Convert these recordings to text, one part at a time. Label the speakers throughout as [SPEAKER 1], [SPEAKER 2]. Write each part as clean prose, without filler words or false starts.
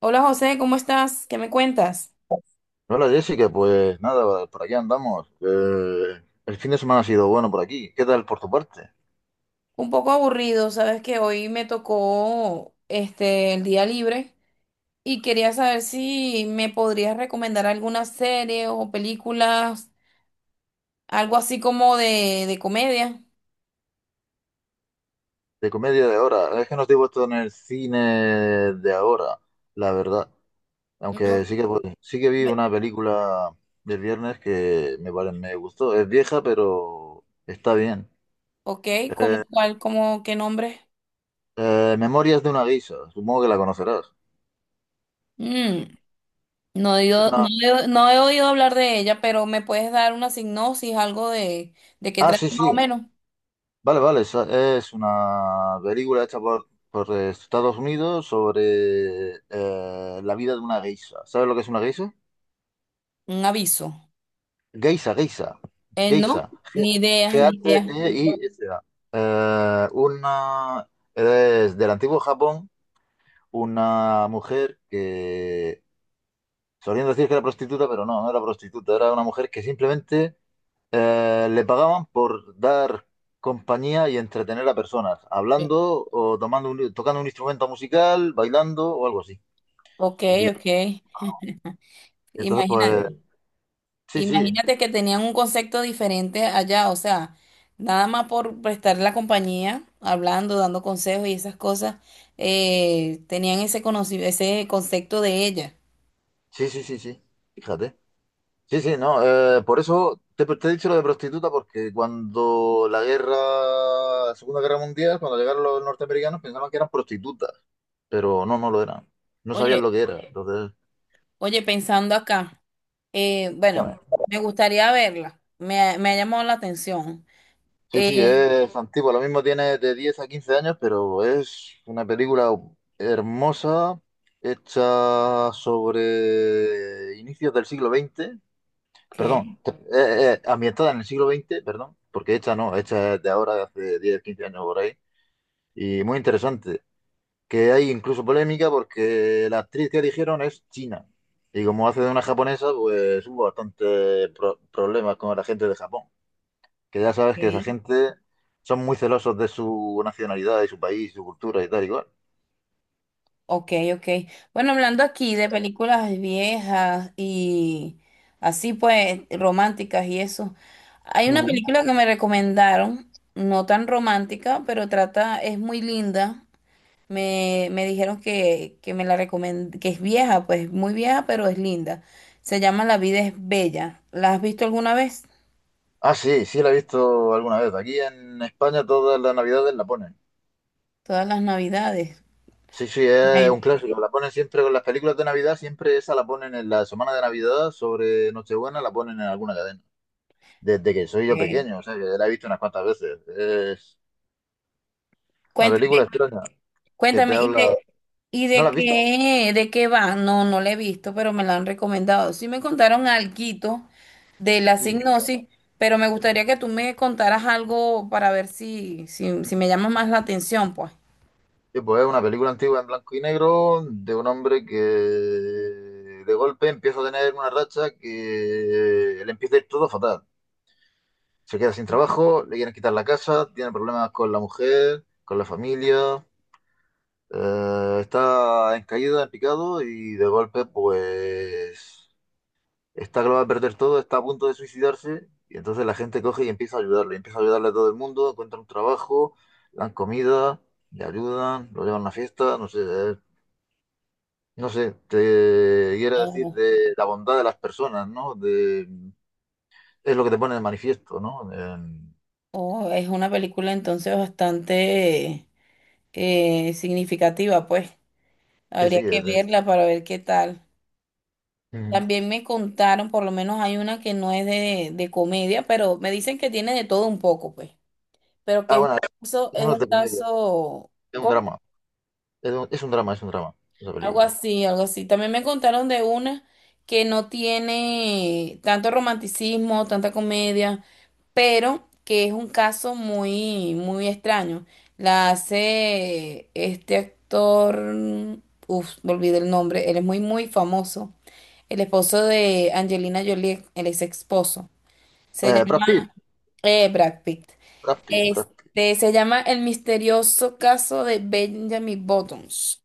[SPEAKER 1] Hola José, ¿cómo estás? ¿Qué me cuentas?
[SPEAKER 2] Hola Jessica, pues nada, por aquí andamos. El fin de semana ha sido bueno por aquí. ¿Qué tal por tu parte?
[SPEAKER 1] Un poco aburrido, sabes que hoy me tocó el día libre y quería saber si me podrías recomendar alguna serie o películas, algo así como de comedia.
[SPEAKER 2] De comedia de ahora. Es que no estoy puesto en el cine de ahora, la verdad. Aunque
[SPEAKER 1] No,
[SPEAKER 2] sí que, pues, sí que vi
[SPEAKER 1] bu-
[SPEAKER 2] una película del viernes que me gustó. Es vieja, pero está bien.
[SPEAKER 1] ok, ¿cómo
[SPEAKER 2] Eh,
[SPEAKER 1] cuál, cómo qué nombre?
[SPEAKER 2] Memorias de una geisha, supongo que la conocerás.
[SPEAKER 1] Mm,
[SPEAKER 2] Una...
[SPEAKER 1] no no he oído hablar de ella, pero me puedes dar una sinopsis, algo de qué
[SPEAKER 2] Ah,
[SPEAKER 1] trata
[SPEAKER 2] sí,
[SPEAKER 1] más o
[SPEAKER 2] sí.
[SPEAKER 1] menos,
[SPEAKER 2] Vale, vale, es una película hecha por Estados Unidos sobre la vida de una geisha. ¿Sabes lo que es una geisha?
[SPEAKER 1] un aviso.
[SPEAKER 2] Geisha, geisha, geisha.
[SPEAKER 1] No, ni idea, ni idea.
[SPEAKER 2] G-H-E-I-S-A. Eh, una, es del antiguo Japón, una mujer que solían decir que era prostituta, pero no, no era prostituta, era una mujer que simplemente le pagaban por dar compañía y entretener a personas, hablando o tocando un instrumento musical, bailando o algo así.
[SPEAKER 1] Ok,
[SPEAKER 2] Y
[SPEAKER 1] ok.
[SPEAKER 2] entonces, pues,
[SPEAKER 1] Imagínate,
[SPEAKER 2] sí, sí,
[SPEAKER 1] imagínate que tenían un concepto diferente allá, o sea, nada más por prestar la compañía, hablando, dando consejos y esas cosas, tenían ese ese concepto de ella.
[SPEAKER 2] sí, sí, sí, sí, fíjate. Sí, sí, no, por eso te he dicho lo de prostituta, porque cuando la guerra, la Segunda Guerra Mundial, cuando llegaron los norteamericanos pensaban que eran prostitutas, pero no, no lo eran. No sabían
[SPEAKER 1] Oye,
[SPEAKER 2] lo que era. Entonces,
[SPEAKER 1] oye, pensando acá, bueno, me gustaría verla, me ha llamado la atención.
[SPEAKER 2] sí, sí,
[SPEAKER 1] Eh,
[SPEAKER 2] es antiguo. Lo mismo tiene de 10 a 15 años, pero es una película hermosa, hecha sobre inicios del siglo XX. Perdón,
[SPEAKER 1] ok,
[SPEAKER 2] ambientada en el siglo XX. Perdón, porque hecha no, hecha es de ahora, de hace 10, 15 años por ahí, y muy interesante. Que hay incluso polémica porque la actriz que eligieron es china, y como hace de una japonesa, pues hubo bastantes problemas con la gente de Japón, que ya sabes que esa
[SPEAKER 1] ok.
[SPEAKER 2] gente son muy celosos de su nacionalidad y su país, su cultura y tal igual.
[SPEAKER 1] Ok, ok. Bueno, hablando aquí de películas viejas y así pues románticas y eso. Hay una
[SPEAKER 2] Ujú.
[SPEAKER 1] película que me recomendaron, no tan romántica, pero trata, es muy linda. Me dijeron que me la recomend que es vieja, pues muy vieja, pero es linda. Se llama La vida es bella. ¿La has visto alguna vez?
[SPEAKER 2] Ah, sí, sí la he visto alguna vez. Aquí en España todas las navidades la ponen.
[SPEAKER 1] Todas las navidades.
[SPEAKER 2] Sí, sí, es un
[SPEAKER 1] Ay,
[SPEAKER 2] clásico. La ponen siempre con las películas de Navidad, siempre esa la ponen en la semana de Navidad, sobre Nochebuena la ponen en alguna cadena. Desde que soy yo
[SPEAKER 1] ok.
[SPEAKER 2] pequeño, o sea, que la he visto unas cuantas veces. Es una
[SPEAKER 1] Cuéntame,
[SPEAKER 2] película extraña que te
[SPEAKER 1] cuéntame,
[SPEAKER 2] habla...
[SPEAKER 1] y
[SPEAKER 2] ¿No la
[SPEAKER 1] de
[SPEAKER 2] has visto?
[SPEAKER 1] qué, ¿de qué va? No, no la he visto, pero me la han recomendado. Sí me contaron alguito de la
[SPEAKER 2] Sí.
[SPEAKER 1] signosis, pero me gustaría que tú me contaras algo para ver si, si, si me llama más la atención, pues.
[SPEAKER 2] Sí, pues es una película antigua en blanco y negro de un hombre que de golpe empieza a tener una racha que le empieza a ir todo fatal. Se queda sin trabajo, le quieren quitar la casa, tiene problemas con la mujer, con la familia, está en caída, en picado y de golpe pues está que lo va a perder todo, está a punto de suicidarse y entonces la gente coge y empieza a ayudarle a todo el mundo, encuentra un trabajo, le dan comida, le ayudan, lo llevan a una fiesta, no sé, te quiere decir
[SPEAKER 1] Oh,
[SPEAKER 2] de la bondad de las personas, ¿no? De, es lo que te pone de manifiesto, ¿no?
[SPEAKER 1] oh, es una película entonces bastante significativa, pues.
[SPEAKER 2] Sí, sí,
[SPEAKER 1] Habría que
[SPEAKER 2] es de-
[SPEAKER 1] verla para ver qué tal.
[SPEAKER 2] Ujú.
[SPEAKER 1] También me contaron, por lo menos hay una que no es de comedia, pero me dicen que tiene de todo un poco, pues. Pero que
[SPEAKER 2] Ah, bueno, eso
[SPEAKER 1] es
[SPEAKER 2] no es
[SPEAKER 1] un
[SPEAKER 2] de comedia,
[SPEAKER 1] caso,
[SPEAKER 2] es un
[SPEAKER 1] ¿cómo?
[SPEAKER 2] drama, es un drama, es un drama, esa
[SPEAKER 1] Algo
[SPEAKER 2] película.
[SPEAKER 1] así, algo así. También me contaron de una que no tiene tanto romanticismo, tanta comedia, pero que es un caso muy, muy extraño. La hace este actor, uff, me olvidé el nombre, él es muy, muy famoso. El esposo de Angelina Jolie, el ex esposo. Se
[SPEAKER 2] Eh, Brad
[SPEAKER 1] llama
[SPEAKER 2] Pitt,
[SPEAKER 1] Brad Pitt.
[SPEAKER 2] Brad Pitt.
[SPEAKER 1] Este, se llama El misterioso caso de Benjamin Buttons.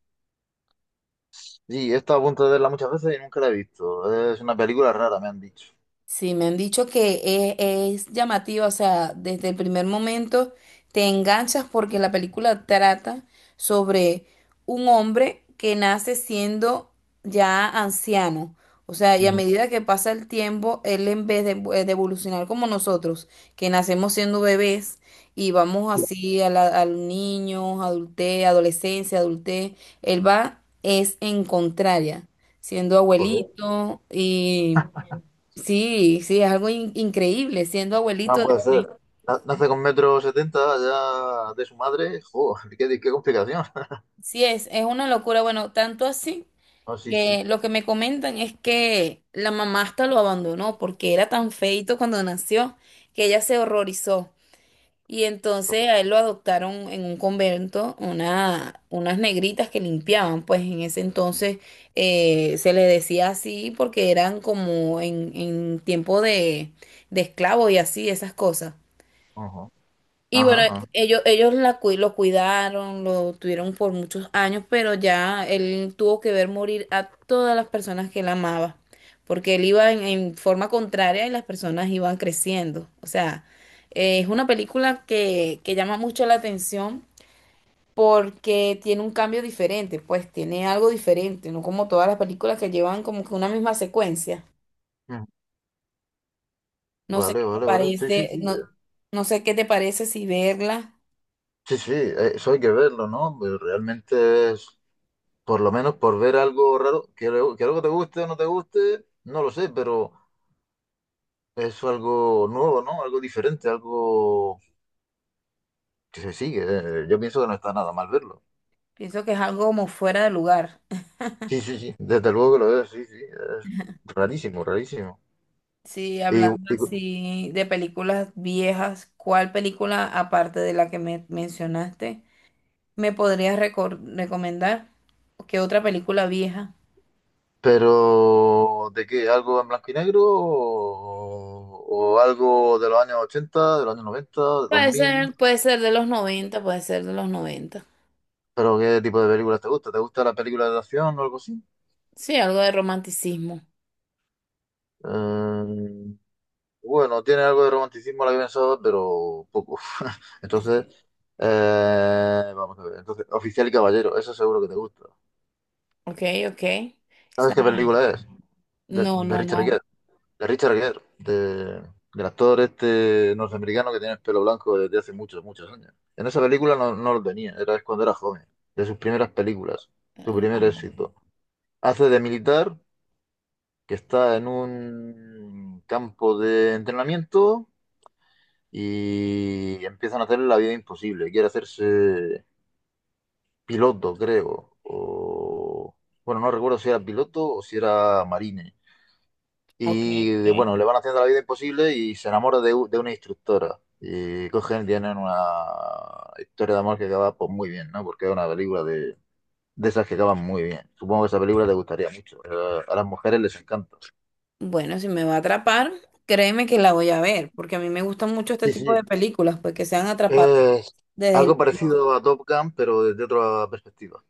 [SPEAKER 2] Sí, he estado a punto de verla muchas veces y nunca la he visto. Es una película rara, me han dicho.
[SPEAKER 1] Sí, me han dicho que es llamativa, o sea, desde el primer momento te enganchas porque la película trata sobre un hombre que nace siendo ya anciano. O sea, y a
[SPEAKER 2] Ujú.
[SPEAKER 1] medida que pasa el tiempo, él en vez de evolucionar como nosotros, que nacemos siendo bebés y vamos así a los niños, adultez, adolescencia, adultez, él va es en contraria, siendo
[SPEAKER 2] Joder,
[SPEAKER 1] abuelito. Sí, sí, es algo increíble siendo abuelito.
[SPEAKER 2] no puede ser. Nace con 1,70 metros ya de su madre. Joder, qué complicación.
[SPEAKER 1] Sí, es una locura. Bueno, tanto así
[SPEAKER 2] Ah, sí, sí.
[SPEAKER 1] que lo que me comentan es que la mamá hasta lo abandonó porque era tan feito cuando nació que ella se horrorizó. Y entonces a él lo adoptaron en un convento unas negritas que limpiaban, pues en ese entonces se le decía así porque eran como en tiempo de esclavos y así, esas cosas.
[SPEAKER 2] Ajá,
[SPEAKER 1] Y
[SPEAKER 2] ajá,
[SPEAKER 1] bueno,
[SPEAKER 2] ajá.
[SPEAKER 1] lo cuidaron, lo tuvieron por muchos años, pero ya él tuvo que ver morir a todas las personas que él amaba, porque él iba en forma contraria y las personas iban creciendo. O sea, es una película que llama mucho la atención porque tiene un cambio diferente, pues tiene algo diferente, no como todas las películas que llevan como que una misma secuencia.
[SPEAKER 2] Ujú.
[SPEAKER 1] No sé
[SPEAKER 2] Vale,
[SPEAKER 1] qué te
[SPEAKER 2] vale, vale. Sí, sí,
[SPEAKER 1] parece,
[SPEAKER 2] sí.
[SPEAKER 1] no, no sé qué te parece si verla.
[SPEAKER 2] Sí, sí, eso hay que verlo, ¿no? Pero realmente es, por lo menos por ver algo raro, que algo te guste o no te guste, no lo sé, pero es algo nuevo, ¿no? Algo diferente, algo que se sigue. Yo pienso que no está nada mal verlo.
[SPEAKER 1] Pienso que es algo como fuera de lugar.
[SPEAKER 2] Sí, sí, sí, desde luego que lo veo, sí, sí, es rarísimo, rarísimo.
[SPEAKER 1] Sí,
[SPEAKER 2] Y,
[SPEAKER 1] hablando
[SPEAKER 2] y-
[SPEAKER 1] así de películas viejas, ¿cuál película, aparte de la que me mencionaste, me podrías recomendar? ¿Qué otra película vieja?
[SPEAKER 2] pero, ¿de qué? ¿Algo en blanco y negro o algo de los años 80, de los años 90, de 2000?
[SPEAKER 1] Puede ser de los 90, puede ser de los noventa.
[SPEAKER 2] ¿Pero qué tipo de películas te gusta? ¿Te gusta la película de acción o algo así?
[SPEAKER 1] Sí, algo de romanticismo.
[SPEAKER 2] Eh, bueno, tiene algo de romanticismo la que pensaba, pero poco. Entonces, vamos a ver. Entonces, Oficial y Caballero, eso seguro que te gusta.
[SPEAKER 1] Ok, ok. Esa-
[SPEAKER 2] ¿Sabes qué película es? De,
[SPEAKER 1] No,
[SPEAKER 2] de
[SPEAKER 1] no,
[SPEAKER 2] Richard Gere.
[SPEAKER 1] no.
[SPEAKER 2] De Richard Gere, de- del actor este norteamericano que tiene el pelo blanco desde hace muchos, muchos años. En esa película no, no lo tenía, era es cuando era joven, de sus primeras películas, su primer
[SPEAKER 1] No.
[SPEAKER 2] éxito. Hace de militar que está en un campo de entrenamiento y empiezan a hacerle la vida imposible. Quiere hacerse piloto, creo. O, bueno, no recuerdo si era piloto o si era marine.
[SPEAKER 1] Ok, ok.
[SPEAKER 2] Bueno, le van haciendo la vida imposible y se enamora de una instructora. Y cogen, tienen una historia de amor que acaba pues, muy bien, ¿no? Porque es una película de esas que acaban muy bien. Supongo que esa película te gustaría mucho. A las mujeres les encanta.
[SPEAKER 1] Bueno, si me va a atrapar, créeme que la voy a ver, porque a mí me gustan mucho este
[SPEAKER 2] Sí,
[SPEAKER 1] tipo de
[SPEAKER 2] sí.
[SPEAKER 1] películas, pues que sean atrapadas
[SPEAKER 2] Es
[SPEAKER 1] desde
[SPEAKER 2] algo
[SPEAKER 1] el
[SPEAKER 2] parecido a Top Gun, pero desde otra perspectiva.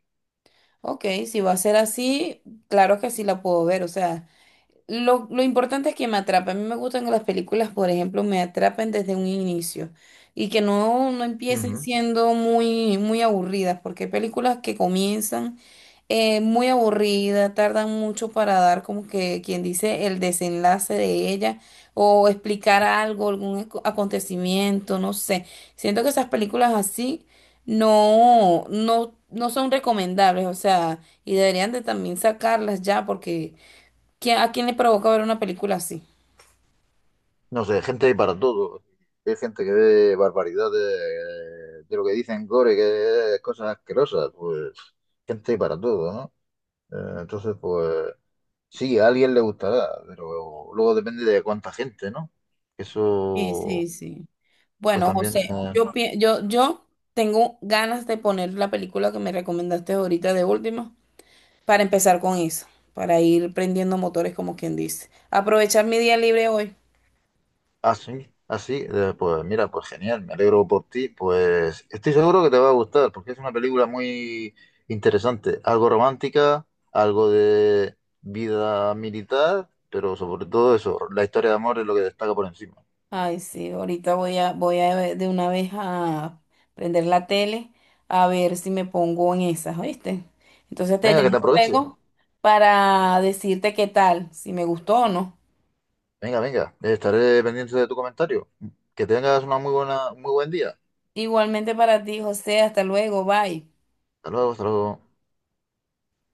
[SPEAKER 1] Ok, si va a ser así, claro que sí la puedo ver, o sea, lo importante es que me atrapen. A mí me gustan que las películas, por ejemplo, me atrapen desde un inicio y que no, no empiecen
[SPEAKER 2] Ujú.
[SPEAKER 1] siendo muy, muy aburridas, porque hay películas que comienzan muy aburridas, tardan mucho para dar como que quien dice el desenlace de ella o explicar algo, algún acontecimiento, no sé. Siento que esas películas así no, no, no son recomendables, o sea, y deberían de también sacarlas ya porque... ¿Quién- ¿a quién le provoca ver una película así?
[SPEAKER 2] No sé, gente hay para todo. Hay gente que ve barbaridades de lo que dicen gore, que es cosas asquerosas. Pues gente hay para todo, ¿no? Entonces, pues sí, a alguien le gustará, pero luego depende de cuánta gente, ¿no?
[SPEAKER 1] Sí, sí,
[SPEAKER 2] Eso,
[SPEAKER 1] sí.
[SPEAKER 2] pues
[SPEAKER 1] Bueno,
[SPEAKER 2] también.
[SPEAKER 1] José, yo tengo ganas de poner la película que me recomendaste ahorita de última para empezar con eso, para ir prendiendo motores como quien dice. Aprovechar mi día libre hoy.
[SPEAKER 2] Ah, sí, ah, sí, pues mira, pues genial, me alegro por ti, pues estoy seguro que te va a gustar, porque es una película muy interesante, algo romántica, algo de vida militar, pero sobre todo eso, la historia de amor es lo que destaca por encima.
[SPEAKER 1] Ay, sí, ahorita voy a ver de una vez a prender la tele a ver si me pongo en esas, ¿oíste? Entonces te
[SPEAKER 2] Venga, que
[SPEAKER 1] llamo
[SPEAKER 2] te aproveche,
[SPEAKER 1] luego para decirte qué tal, si me gustó o no.
[SPEAKER 2] venga, venga, estaré pendiente de tu comentario, que tengas una muy buena, muy buen día,
[SPEAKER 1] Igualmente para ti, José. Hasta luego. Bye.
[SPEAKER 2] hasta luego, hasta luego.